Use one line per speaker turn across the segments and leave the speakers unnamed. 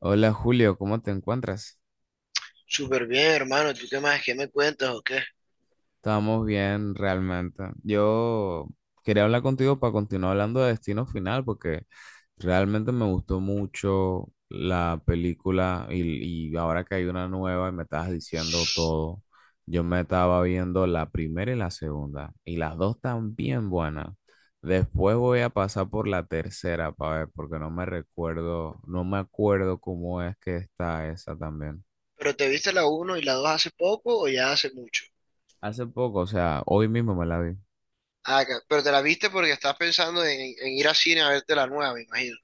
Hola Julio, ¿cómo te encuentras?
Súper bien, hermano. ¿Tú qué más? ¿Qué me cuentas o qué?
Estamos bien realmente. Yo quería hablar contigo para continuar hablando de Destino Final porque realmente me gustó mucho la película y ahora que hay una nueva y me estabas diciendo todo, yo me estaba viendo la primera y la segunda y las dos están bien buenas. Después voy a pasar por la tercera para ver porque no me recuerdo, no me acuerdo cómo es que está esa también.
¿Pero te viste la uno y la 2 hace poco o ya hace mucho?
Hace poco, o sea, hoy mismo me la vi.
Ah, pero te la viste porque estás pensando en, ir a cine a verte la nueva, me imagino.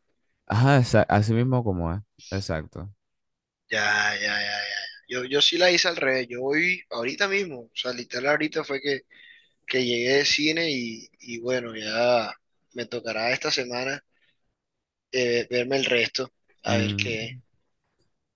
Ajá, esa- así mismo como es. Exacto.
Ya, ya, ya, ya. Yo sí la hice al revés. Yo hoy, ahorita mismo, o sea, literal ahorita fue que llegué de cine y, bueno, ya me tocará esta semana verme el resto, a ver
Mm,
qué.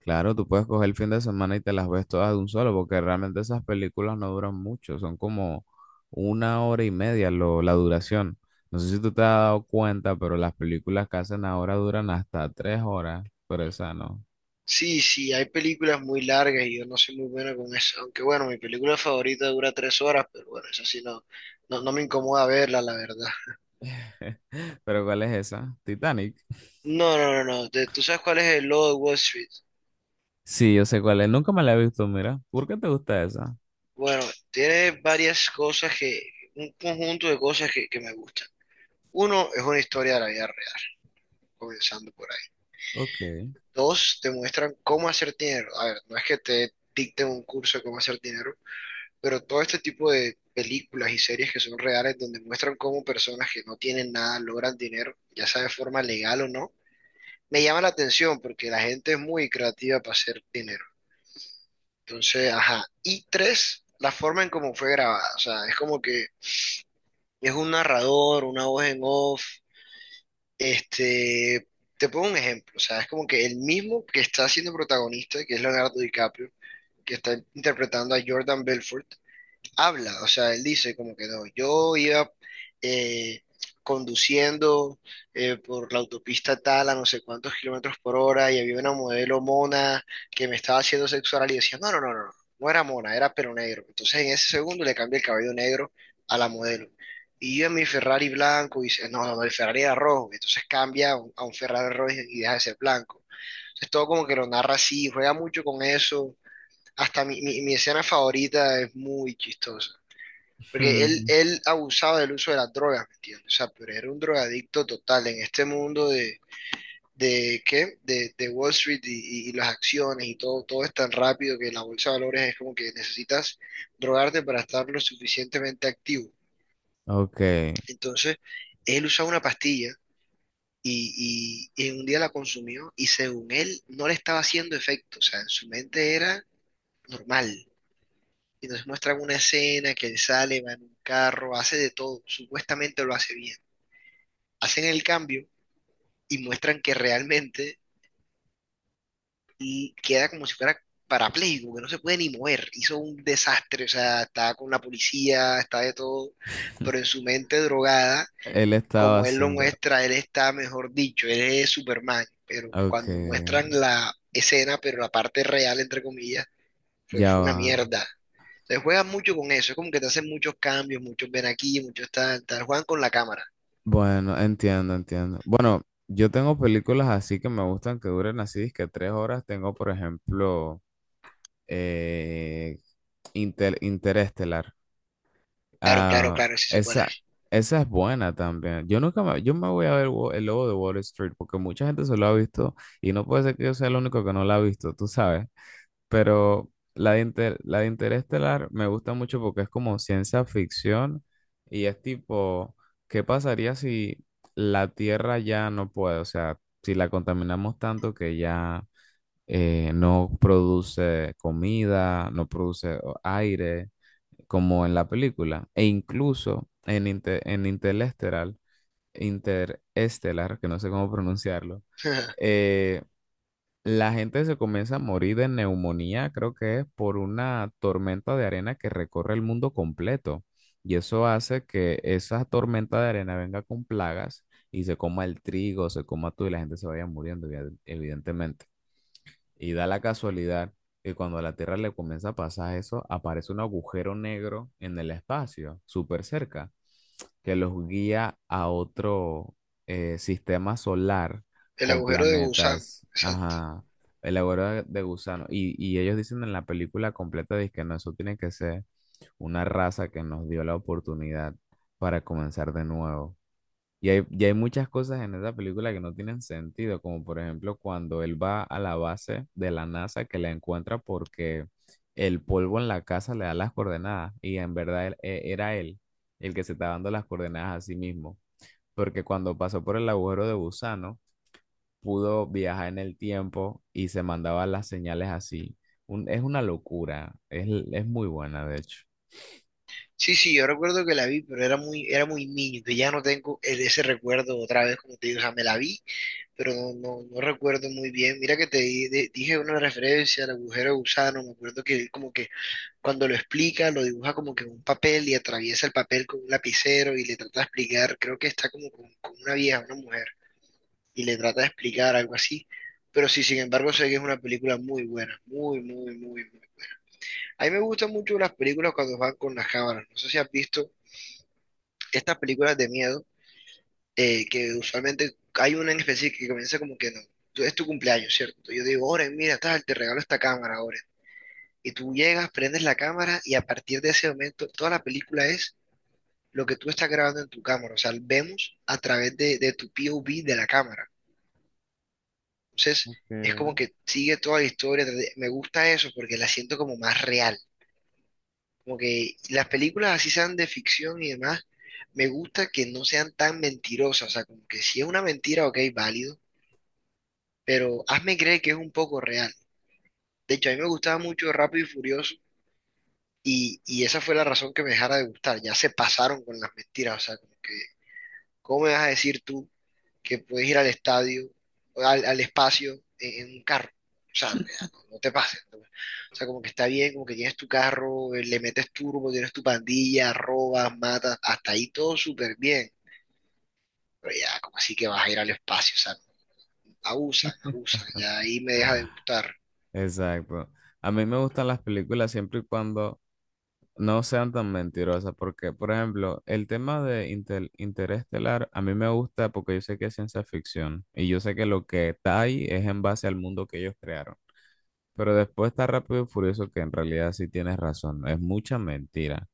claro, tú puedes coger el fin de semana y te las ves todas de un solo, porque realmente esas películas no duran mucho, son como 1 hora y media la duración. No sé si tú te has dado cuenta, pero las películas que hacen ahora duran hasta 3 horas, pero esa no.
Sí, sí, hay películas muy largas y yo no soy muy bueno con eso. Aunque bueno, mi película favorita dura 3 horas, pero bueno, eso sí no me incomoda verla, la verdad.
¿Pero cuál es esa? Titanic.
No, no, no, no. ¿Tú sabes cuál es el logo de Wall Street?
Sí, yo sé cuál es. Nunca me la he visto, mira. ¿Por qué te gusta esa?
Bueno, tiene varias un conjunto de cosas que, me gustan. Uno, es una historia de la vida real, comenzando por ahí.
Ok.
Dos, te muestran cómo hacer dinero. A ver, no es que te dicten un curso de cómo hacer dinero, pero todo este tipo de películas y series que son reales, donde muestran cómo personas que no tienen nada logran dinero, ya sea de forma legal o no, me llama la atención porque la gente es muy creativa para hacer dinero. Entonces, ajá. Y tres, la forma en cómo fue grabada. O sea, es como que es un narrador, una voz en off. Este, te pongo un ejemplo. O sea, es como que el mismo que está siendo protagonista, que es Leonardo DiCaprio, que está interpretando a Jordan Belfort, habla, o sea, él dice como que no, yo iba eh, conduciendo por la autopista tal a no sé cuántos kilómetros por hora y había una modelo mona que me estaba haciendo sexual y decía, no, no, no, no, no, no era mona, era pelo negro. Entonces en ese segundo le cambia el cabello negro a la modelo. Y yo en mi Ferrari blanco y dice, no, no, no, el Ferrari era rojo. Entonces cambia a a un Ferrari rojo y deja de ser blanco. Entonces todo como que lo narra así, juega mucho con eso. Hasta mi escena favorita es muy chistosa. Porque
Ujú.
él abusaba del uso de las drogas, ¿me entiendes? O sea, pero era un drogadicto total en este mundo de ¿qué? De Wall Street y, y las acciones y todo, todo es tan rápido que la bolsa de valores es como que necesitas drogarte para estar lo suficientemente activo.
Ok.
Entonces, él usaba una pastilla y un día la consumió y según él no le estaba haciendo efecto, o sea, en su mente era normal. Y nos muestran una escena que él sale, va en un carro, hace de todo, supuestamente lo hace bien, hacen el cambio y muestran que realmente y queda como si fuera parapléjico, que no se puede ni mover. Hizo un desastre, o sea, está con la policía, está de todo, pero en su mente drogada,
Él estaba
como él lo
haciendo.
muestra, él está, mejor dicho, él es Superman, pero
Ok,
cuando muestran la escena, pero la parte real, entre comillas,
ya
fue
va.
una mierda. Entonces juegan mucho con eso, es como que te hacen muchos cambios, muchos ven aquí, muchos tal, tal, juegan con la cámara.
Bueno, entiendo, entiendo. Bueno, yo tengo películas así que me gustan que duren así, que 3 horas. Tengo, por ejemplo, eh, Interestelar.
Claro, claro,
Ah,
claro, sí sé cuál
esa,
es.
esa es buena también. Yo nunca me, yo me voy a ver El Lobo de Wall Street porque mucha gente se lo ha visto y no puede ser que yo sea el único que no la ha visto, tú sabes. Pero la de, la de Interestelar me gusta mucho porque es como ciencia ficción y es tipo, ¿qué pasaría si la Tierra ya no puede? O sea, si la contaminamos tanto que ya no produce comida, no produce aire, como en la película. E incluso en, en Interestelar, que no sé cómo pronunciarlo. eh, la gente se comienza a morir de neumonía, creo que es por una tormenta de arena que recorre el mundo completo. Y eso hace que esa tormenta de arena venga con plagas y se coma el trigo, se coma todo y la gente se vaya muriendo, evidentemente. Y da la casualidad que cuando a la Tierra le comienza a pasar eso, aparece un agujero negro en el espacio, súper cerca que los guía a otro sistema solar
El
con
agujero de gusano,
planetas,
exacto.
ajá, elaborado de gusano. Y ellos dicen en la película completa, dice que no, eso tiene que ser una raza que nos dio la oportunidad para comenzar de nuevo. Y hay muchas cosas en esa película que no tienen sentido, como por ejemplo cuando él va a la base de la NASA que la encuentra porque el polvo en la casa le da las coordenadas y en verdad era él el que se estaba dando las coordenadas a sí mismo, porque cuando pasó por el agujero de gusano pudo viajar en el tiempo y se mandaba las señales así. Es una locura, es muy buena de hecho.
Sí, sí, yo recuerdo que la vi, pero era muy niño, entonces ya no tengo ese recuerdo otra vez, como te digo, o sea, me la vi, pero no recuerdo muy bien. Mira que dije una referencia al agujero de gusano, me acuerdo que como que cuando lo explica, lo dibuja como que en un papel y atraviesa el papel con un lapicero y le trata de explicar, creo que está como con una vieja, una mujer, y le trata de explicar algo así. Pero sí, sin embargo, sé que es una película muy buena, muy, muy, muy, muy. A mí me gustan mucho las películas cuando van con las cámaras. No sé si has visto estas películas de miedo, que usualmente hay una en específico que comienza como que no. Es tu cumpleaños, ¿cierto? Yo digo, Oren, mira, tal, te regalo esta cámara, Oren. Y tú llegas, prendes la cámara y a partir de ese momento toda la película es lo que tú estás grabando en tu cámara. O sea, vemos a través de tu POV de la cámara. Entonces, es como
Ok.
que sigue toda la historia. Me gusta eso porque la siento como más real. Como que las películas así sean de ficción y demás, me gusta que no sean tan mentirosas. O sea, como que si es una mentira, ok, válido, pero hazme creer que es un poco real. De hecho, a mí me gustaba mucho Rápido y Furioso y, esa fue la razón que me dejara de gustar. Ya se pasaron con las mentiras. O sea, como que ¿cómo me vas a decir tú que puedes ir al estadio, al espacio en, un carro? O sea, ya, no, no te pases, ¿no? O sea, como que está bien, como que tienes tu carro, le metes turbo, tienes tu pandilla, robas, matas, hasta ahí todo súper bien. Pero ya, como así que vas a ir al espacio, o sea, abusan, abusan, ya ahí me deja de gustar.
Exacto. A mí me gustan las películas siempre y cuando no sean tan mentirosas, porque, por ejemplo, el tema de Interestelar a mí me gusta porque yo sé que es ciencia ficción y yo sé que lo que está ahí es en base al mundo que ellos crearon. Pero después está Rápido y Furioso que en realidad sí tienes razón, es mucha mentira.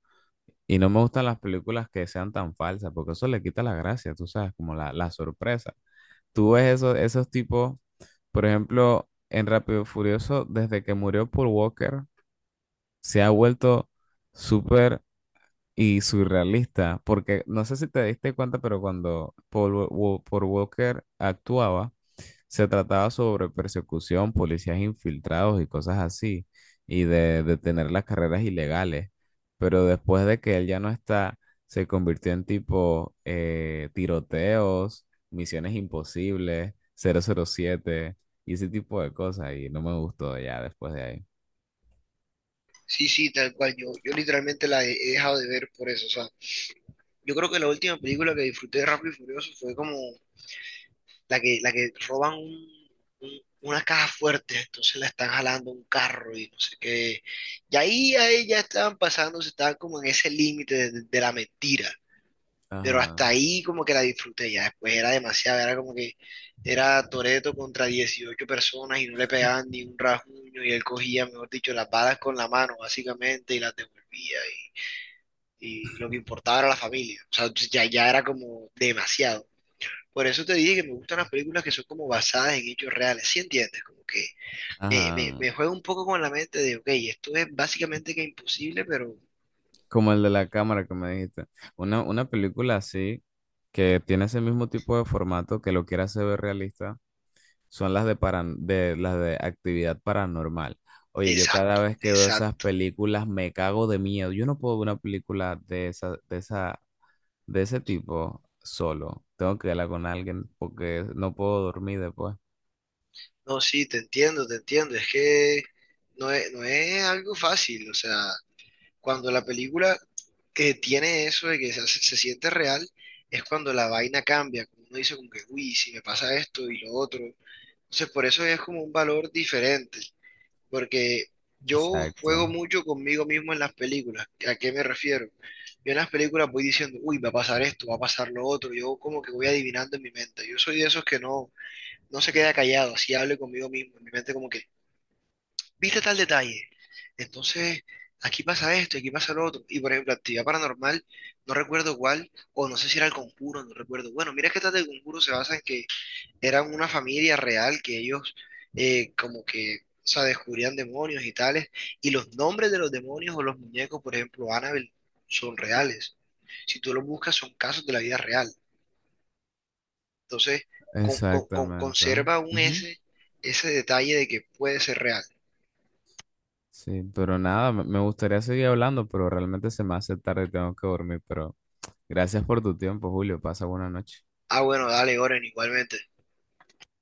Y no me gustan las películas que sean tan falsas porque eso le quita la gracia, tú sabes, como la sorpresa. Tú ves esos tipos, por ejemplo, en Rápido y Furioso, desde que murió Paul Walker, se ha vuelto súper y surrealista, porque no sé si te diste cuenta, pero cuando Paul Walker actuaba, se trataba sobre persecución, policías infiltrados y cosas así, y de detener las carreras ilegales. Pero después de que él ya no está, se convirtió en tipo tiroteos, misiones imposibles, 007 y ese tipo de cosas, y no me gustó ya después de ahí.
Sí, sí, tal cual, yo literalmente he dejado de ver por eso, o sea, yo creo que la última película que disfruté de Rápido y Furioso fue como la que roban una caja fuerte, entonces la están jalando un carro y no sé qué. Y ahí ya estaban pasando, se estaban como en ese límite de, la mentira. Pero
Ajá.
hasta ahí como que la disfruté, ya después era demasiado, era como que era Toreto contra 18 personas y no le pegaban ni un rasguño y él cogía, mejor dicho, las balas con la mano básicamente y las devolvía y, lo que importaba era la familia. O sea, ya era como demasiado. Por eso te dije que me gustan las películas que son como basadas en hechos reales, ¿sí entiendes? Como que
Ajá.
me juega un poco con la mente de, ok, esto es básicamente que imposible, pero
Como el de la cámara que me dijiste. Una película así, que tiene ese mismo tipo de formato, que lo quiera hacer ver realista, son las de actividad paranormal. Oye, yo cada
exacto,
vez que veo esas
exacto.
películas me cago de miedo. Yo no puedo ver una película de ese tipo solo. Tengo que verla con alguien porque no puedo dormir después.
No, sí, te entiendo, te entiendo. Es que no es algo fácil. O sea, cuando la película que tiene eso de se siente real, es cuando la vaina cambia. Como uno dice como que, uy, si me pasa esto y lo otro. Entonces, por eso es como un valor diferente, porque yo juego
Exacto.
mucho conmigo mismo en las películas. ¿A qué me refiero? Yo en las películas voy diciendo, uy, va a pasar esto, va a pasar lo otro. Yo como que voy adivinando en mi mente. Yo soy de esos que no se queda callado, así hablo conmigo mismo. En mi mente como que, viste tal detalle. Entonces, aquí pasa esto, aquí pasa lo otro. Y por ejemplo, actividad paranormal, no recuerdo cuál, o no sé si era el conjuro, no recuerdo. Bueno, mira que tal del conjuro se basa en que eran una familia real que ellos como que, o sea, descubrían demonios y tales, y los nombres de los demonios o los muñecos, por ejemplo, Annabelle, son reales. Si tú los buscas, son casos de la vida real. Entonces,
Exactamente.
conserva aún ese, ese detalle de que puede ser real.
Sí, pero nada, me gustaría seguir hablando, pero realmente se me hace tarde y tengo que dormir. Pero gracias por tu tiempo, Julio. Pasa buena noche.
Ah, bueno, dale, Oren, igualmente.